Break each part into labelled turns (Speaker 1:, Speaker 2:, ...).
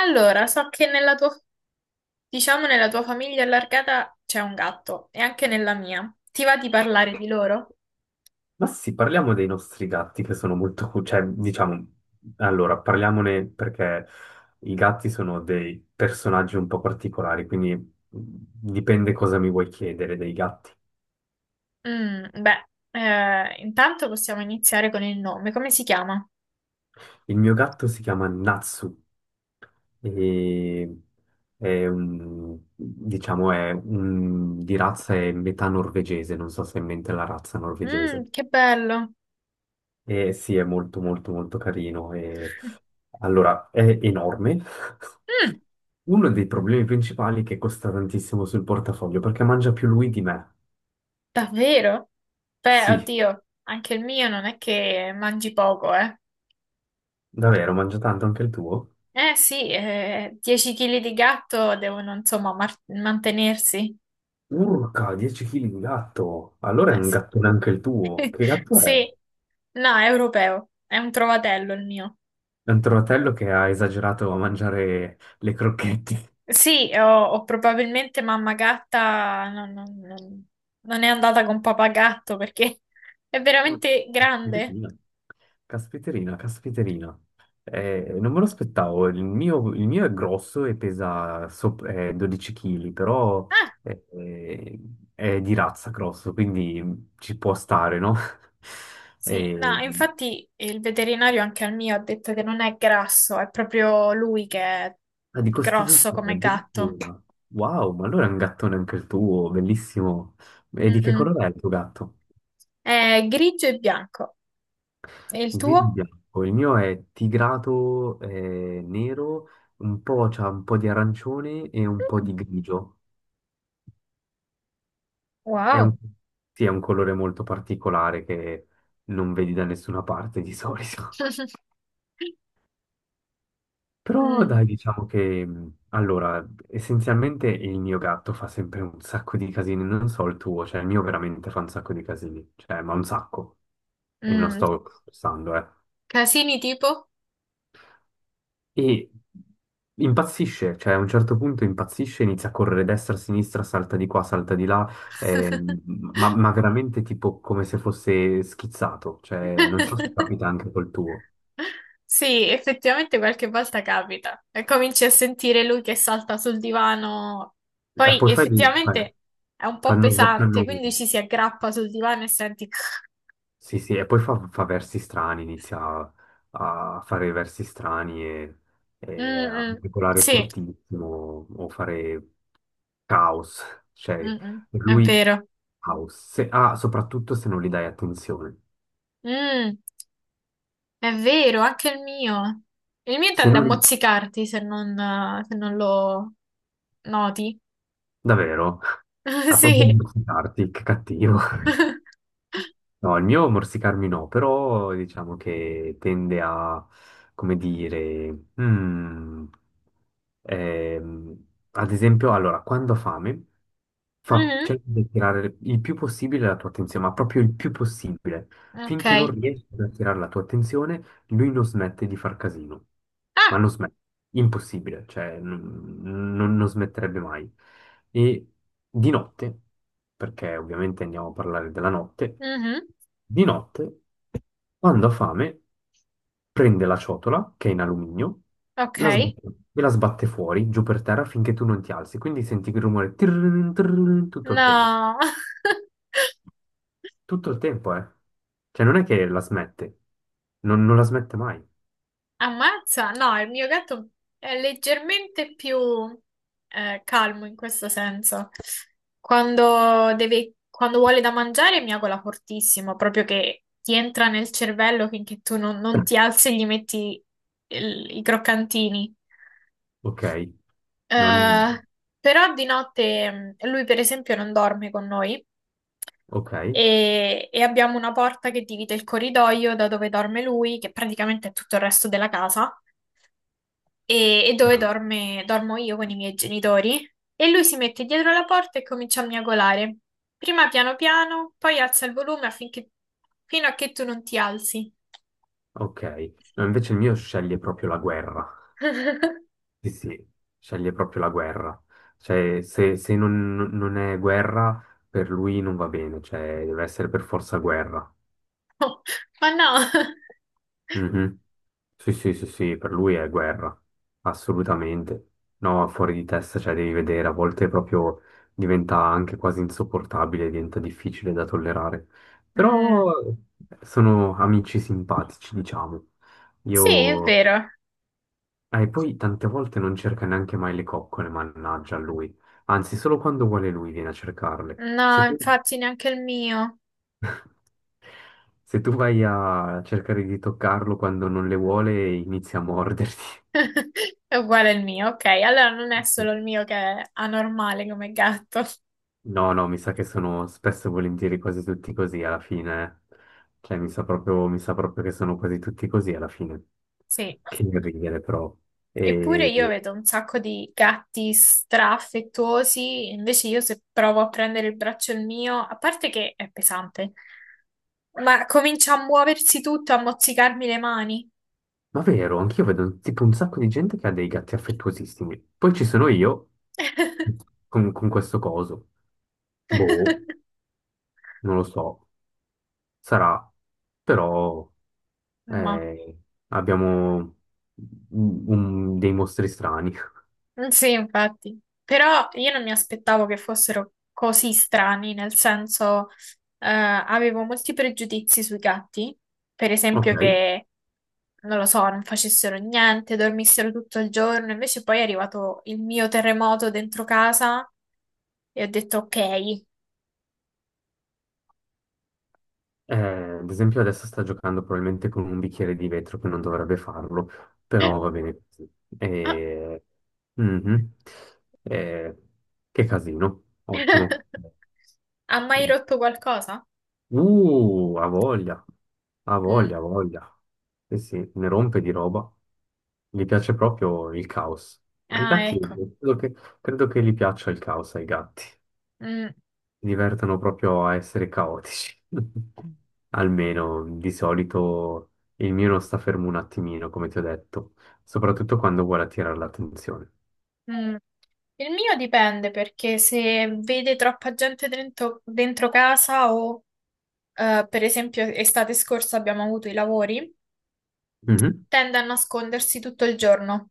Speaker 1: Allora, so che nella tua, diciamo, nella tua famiglia allargata c'è un gatto e anche nella mia. Ti va di parlare di loro?
Speaker 2: Ma sì, parliamo dei nostri gatti che sono molto, parliamone perché i gatti sono dei personaggi un po' particolari, quindi dipende cosa mi vuoi chiedere dei gatti.
Speaker 1: Mm, beh, intanto possiamo iniziare con il nome. Come si chiama?
Speaker 2: Il mio gatto si chiama Natsu e è un, diciamo, è un, di razza è metà norvegese, non so se è in mente la razza norvegese.
Speaker 1: Mm, che bello.
Speaker 2: E sì, è molto molto molto carino e allora è enorme.
Speaker 1: Mm,
Speaker 2: Uno dei problemi principali è che costa tantissimo sul portafoglio, perché mangia più lui di me.
Speaker 1: davvero? Beh,
Speaker 2: Sì,
Speaker 1: oddio, anche il mio non è che mangi poco, eh.
Speaker 2: davvero, mangia tanto anche il tuo?
Speaker 1: Eh sì, 10 kg di gatto devono insomma mantenersi.
Speaker 2: Urca, 10 kg di gatto! Allora è un
Speaker 1: Sì.
Speaker 2: gattone anche il tuo. Che gatto è?
Speaker 1: Sì, no, è europeo, è un trovatello il mio.
Speaker 2: È un trovatello che ha esagerato a mangiare le crocchette.
Speaker 1: Sì, ho probabilmente mamma gatta, non è andata con papà gatto perché è veramente grande.
Speaker 2: Caspiterina, caspiterina. Non me lo aspettavo. Il mio è grosso e pesa 12 kg, però
Speaker 1: Ah,
Speaker 2: eh, eh, è di razza grosso, quindi ci può stare, no?
Speaker 1: sì, no,
Speaker 2: Eh,
Speaker 1: infatti il veterinario anche al mio ha detto che non è grasso, è proprio lui che è
Speaker 2: ah, di
Speaker 1: grosso
Speaker 2: costituzione
Speaker 1: come gatto.
Speaker 2: addirittura. Wow, ma allora è un gattone anche il tuo, bellissimo. E di che
Speaker 1: Mm-mm.
Speaker 2: colore è il tuo gatto?
Speaker 1: È grigio e bianco. E il
Speaker 2: Grigio e
Speaker 1: tuo?
Speaker 2: bianco. Il mio è tigrato nero, un po', c'ha un po' di arancione e un po'
Speaker 1: Mm,
Speaker 2: di grigio. È un,
Speaker 1: wow.
Speaker 2: sì, è un colore molto particolare che non vedi da nessuna parte di solito. Però dai,
Speaker 1: Mm,
Speaker 2: diciamo che essenzialmente il mio gatto fa sempre un sacco di casini, non so il tuo, cioè il mio veramente fa un sacco di casini, cioè, ma un sacco. E non
Speaker 1: mm.
Speaker 2: sto scherzando, eh.
Speaker 1: Casini tipo?
Speaker 2: E impazzisce, cioè a un certo punto impazzisce, inizia a correre destra, sinistra, salta di qua, salta di là, ehm, ma veramente tipo come se fosse schizzato, cioè non so se capita anche col tuo.
Speaker 1: Sì, effettivamente qualche volta capita e cominci a sentire lui che salta sul divano.
Speaker 2: E
Speaker 1: Poi
Speaker 2: poi fai lì,
Speaker 1: effettivamente è un po'
Speaker 2: fanno,
Speaker 1: pesante,
Speaker 2: fanno-
Speaker 1: quindi ci si aggrappa sul divano e senti.
Speaker 2: Sì, sì, e poi fa versi strani, inizia a fare versi strani e
Speaker 1: Mm,
Speaker 2: a
Speaker 1: mm,
Speaker 2: articolare
Speaker 1: sì,
Speaker 2: fortissimo o fare caos, cioè
Speaker 1: mm, mm,
Speaker 2: per
Speaker 1: è
Speaker 2: lui
Speaker 1: vero.
Speaker 2: caos, soprattutto se non gli dai attenzione.
Speaker 1: Mm, è vero, anche il mio. Il mio
Speaker 2: Se
Speaker 1: tende a
Speaker 2: non,
Speaker 1: mozzicarti se non lo noti.
Speaker 2: davvero, ha proprio
Speaker 1: Sì.
Speaker 2: dimenticarti, che cattivo. No, il mio morsicarmi no, però diciamo che tende a, come dire, ehm, ad esempio, allora, quando ha fame,
Speaker 1: Mhm,
Speaker 2: cerca di attirare il più possibile la tua attenzione, ma proprio il più possibile,
Speaker 1: ok.
Speaker 2: finché non riesci ad attirare la tua attenzione, lui non smette di far casino,
Speaker 1: Ah,
Speaker 2: ma non smette, impossibile, cioè non smetterebbe mai. E di notte, perché ovviamente andiamo a parlare della notte,
Speaker 1: mhm,
Speaker 2: di notte, quando ha fame, prende la ciotola, che è in alluminio,
Speaker 1: ok.
Speaker 2: la sbatte, e la sbatte fuori, giù per terra, finché tu non ti alzi. Quindi senti il rumore tirrin, tirrin, tutto il tempo.
Speaker 1: No,
Speaker 2: Tutto il tempo, eh. Cioè non è che la smette, non la smette mai.
Speaker 1: ammazza. No, il mio gatto è leggermente più calmo in questo senso. Quando vuole da mangiare miagola fortissimo, proprio che ti entra nel cervello finché tu non ti alzi e gli metti i croccantini.
Speaker 2: Ok, non...
Speaker 1: Eh, però di notte lui, per esempio, non dorme con noi
Speaker 2: Ok,
Speaker 1: e abbiamo una porta che divide il corridoio da dove dorme lui, che praticamente è tutto il resto della casa, e, e dove
Speaker 2: no.
Speaker 1: dorme- dormo io con i miei genitori. E lui si mette dietro la porta e comincia a miagolare. Prima piano piano, poi alza il volume affinché, fino a che tu non ti alzi.
Speaker 2: Ok. No, invece il mio sceglie proprio la guerra. Sì, sì, sceglie proprio la guerra. Cioè, se, se non, non è guerra, per lui non va bene, cioè deve essere per forza guerra.
Speaker 1: Ma no.
Speaker 2: Mhm. Sì, sì, sì, sì, per lui è guerra, assolutamente. No, fuori di testa, cioè devi vedere, a volte proprio diventa anche quasi insopportabile, diventa difficile da tollerare. Però
Speaker 1: Mm,
Speaker 2: sono amici simpatici, diciamo.
Speaker 1: sì, è
Speaker 2: Io...
Speaker 1: vero.
Speaker 2: E poi tante volte non cerca neanche mai le coccole, mannaggia a lui. Anzi, solo quando vuole lui viene a cercarle.
Speaker 1: No, infatti neanche il mio.
Speaker 2: Se tu vai a cercare di toccarlo quando non le vuole, inizia a morderti.
Speaker 1: È uguale al mio, ok. Allora non è solo il mio che è anormale come gatto.
Speaker 2: No, no, mi sa che sono spesso e volentieri quasi tutti così alla fine. Eh. Cioè, mi sa proprio che sono quasi tutti così alla fine.
Speaker 1: Sì.
Speaker 2: Che ridere, però.
Speaker 1: Eppure
Speaker 2: E...
Speaker 1: io vedo un sacco di gatti straaffettuosi, invece io se provo a prendere il braccio il mio, a parte che è pesante, ma comincia a muoversi tutto, a mozzicarmi le mani.
Speaker 2: Ma vero, anch'io vedo tipo un sacco di gente che ha dei gatti affettuosissimi. Poi ci sono io con questo coso. Boh, non lo so. Sarà. Però
Speaker 1: Ma.
Speaker 2: eh, abbiamo dei mostri strani.
Speaker 1: Mm, sì, infatti, però io non mi aspettavo che fossero così strani, nel senso, avevo molti pregiudizi sui gatti, per
Speaker 2: Ok.
Speaker 1: esempio che, non lo so, non facessero niente, dormissero tutto il giorno, invece poi è arrivato il mio terremoto dentro casa e ho detto ok.
Speaker 2: Ad esempio adesso sta giocando probabilmente con un bicchiere di vetro che non dovrebbe farlo, però va bene così.
Speaker 1: Ah.
Speaker 2: Eh, mhm. Eh, che casino, ottimo.
Speaker 1: Ha mai rotto qualcosa?
Speaker 2: Ha voglia, ha
Speaker 1: Mm.
Speaker 2: voglia, ha voglia. Eh sì, ne rompe di roba. Gli piace proprio il caos. Ma i
Speaker 1: Ah,
Speaker 2: gatti,
Speaker 1: ecco.
Speaker 2: credo che, credo che gli piaccia il caos ai gatti.
Speaker 1: Mm.
Speaker 2: Si divertono proprio a essere caotici. Almeno di solito il mio non sta fermo un attimino, come ti ho detto, soprattutto quando vuole attirare l'attenzione.
Speaker 1: Mm. Il mio dipende perché se vede troppa gente dentro casa o per esempio estate scorsa abbiamo avuto i lavori,
Speaker 2: Mhm,
Speaker 1: tende a nascondersi tutto il giorno.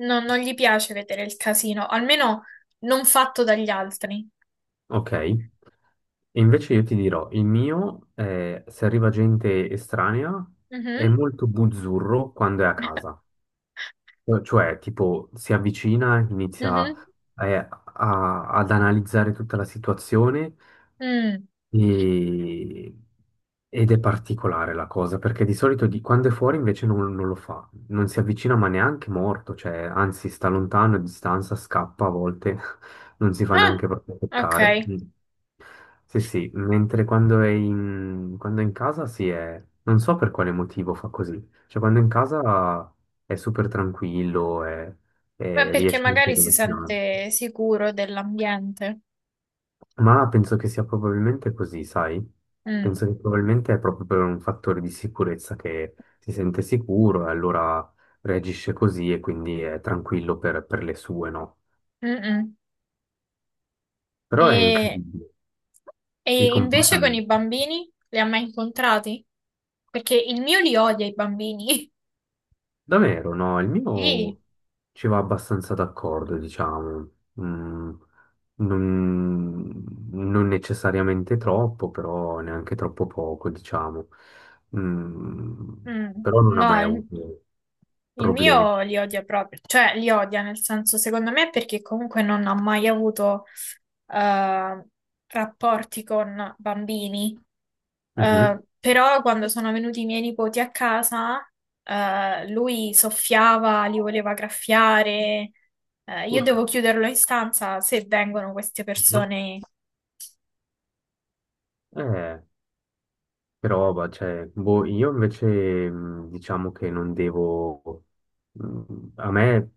Speaker 1: Non gli piace vedere il casino, almeno non fatto dagli altri.
Speaker 2: ok. E invece io ti dirò, il mio, se arriva gente estranea, è
Speaker 1: Mhm.
Speaker 2: molto buzzurro quando è a casa. Cioè, tipo, si avvicina, inizia
Speaker 1: Mhm.
Speaker 2: ad analizzare tutta la situazione.
Speaker 1: Mm.
Speaker 2: E- Ed è particolare la cosa, perché di solito quando è fuori invece non lo fa, non si avvicina ma neanche morto, cioè anzi sta lontano, a distanza, scappa a volte, non si fa
Speaker 1: Ah,
Speaker 2: neanche proprio toccare.
Speaker 1: ok.
Speaker 2: Mm. Sì, sì, mentre quando è in casa si è... non so per quale motivo fa così, cioè quando è in casa è super tranquillo,
Speaker 1: Beh, perché
Speaker 2: riesce anche
Speaker 1: magari
Speaker 2: ad
Speaker 1: si
Speaker 2: avvicinarsi.
Speaker 1: sente sicuro dell'ambiente.
Speaker 2: Ma penso che sia probabilmente così, sai?
Speaker 1: Mm.
Speaker 2: Penso che probabilmente è proprio per un fattore di sicurezza che si sente sicuro e allora reagisce così e quindi è tranquillo per le sue, no?
Speaker 1: Mm-mm.
Speaker 2: Però è
Speaker 1: E,
Speaker 2: incredibile i
Speaker 1: e invece con i
Speaker 2: comportamenti.
Speaker 1: bambini li ha mai incontrati? Perché il mio li odia i bambini.
Speaker 2: Davvero, no, il
Speaker 1: Sì.
Speaker 2: mio ci va abbastanza d'accordo, diciamo. Mm, non, non necessariamente troppo, però neanche troppo poco, diciamo. Mm,
Speaker 1: Mm,
Speaker 2: però non ha
Speaker 1: no,
Speaker 2: mai
Speaker 1: il,
Speaker 2: avuto
Speaker 1: il
Speaker 2: problemi.
Speaker 1: mio li odia proprio, cioè li odia nel senso, secondo me, perché comunque non ha mai avuto eh, rapporti con bambini.
Speaker 2: Mhm.
Speaker 1: Però quando sono venuti i miei nipoti a casa, lui soffiava, li voleva graffiare. Io devo
Speaker 2: Urca.
Speaker 1: chiuderlo in stanza se vengono queste
Speaker 2: Mhm.
Speaker 1: persone.
Speaker 2: Eh. Però, bah, cioè, boh, io invece diciamo che non devo... A me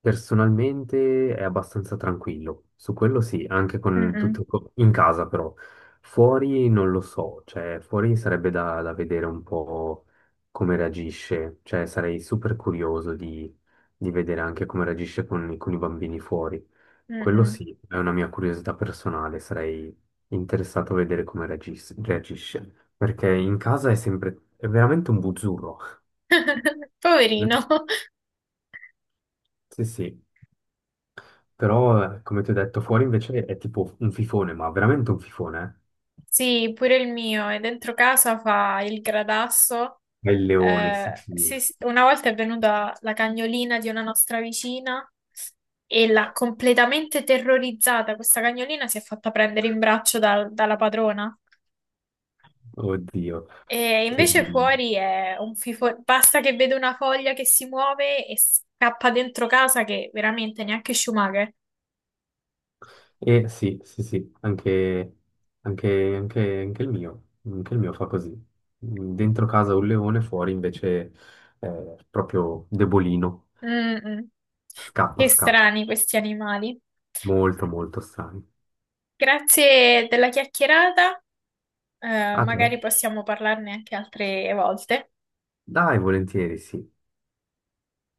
Speaker 2: personalmente è abbastanza tranquillo, su quello sì, anche con
Speaker 1: Mm-mm,
Speaker 2: tutto in casa però. Fuori non lo so, cioè fuori sarebbe da, da vedere un po' come reagisce, cioè sarei super curioso di vedere anche come reagisce con i bambini fuori. Quello
Speaker 1: mm-mm.
Speaker 2: sì, è una mia curiosità personale, sarei interessato a vedere come reagisce, perché in casa è sempre, è veramente un buzzurro. Mm?
Speaker 1: Poverino.
Speaker 2: Sì, sì, però come ti ho detto, fuori invece è tipo un fifone, ma veramente un fifone,
Speaker 1: Sì, pure il mio, e dentro casa fa il gradasso.
Speaker 2: eh? È il leone, sì,
Speaker 1: Sì,
Speaker 2: sì.
Speaker 1: sì, una volta è venuta la cagnolina di una nostra vicina e l'ha completamente terrorizzata. Questa cagnolina si è fatta prendere in braccio dalla padrona.
Speaker 2: Oddio.
Speaker 1: E
Speaker 2: Che...
Speaker 1: invece fuori è un fifo... Basta che vede una foglia che si muove e scappa dentro casa che veramente neanche Schumacher.
Speaker 2: E sì, sì, sì, anche il mio fa così. Dentro casa un leone, fuori invece è proprio debolino.
Speaker 1: Mm, mm.
Speaker 2: Scappa,
Speaker 1: Che
Speaker 2: scappa.
Speaker 1: strani questi animali.
Speaker 2: Molto, molto sani.
Speaker 1: Grazie della chiacchierata. Eh,
Speaker 2: A te?
Speaker 1: magari possiamo parlarne anche altre volte.
Speaker 2: Dai, volentieri, sì.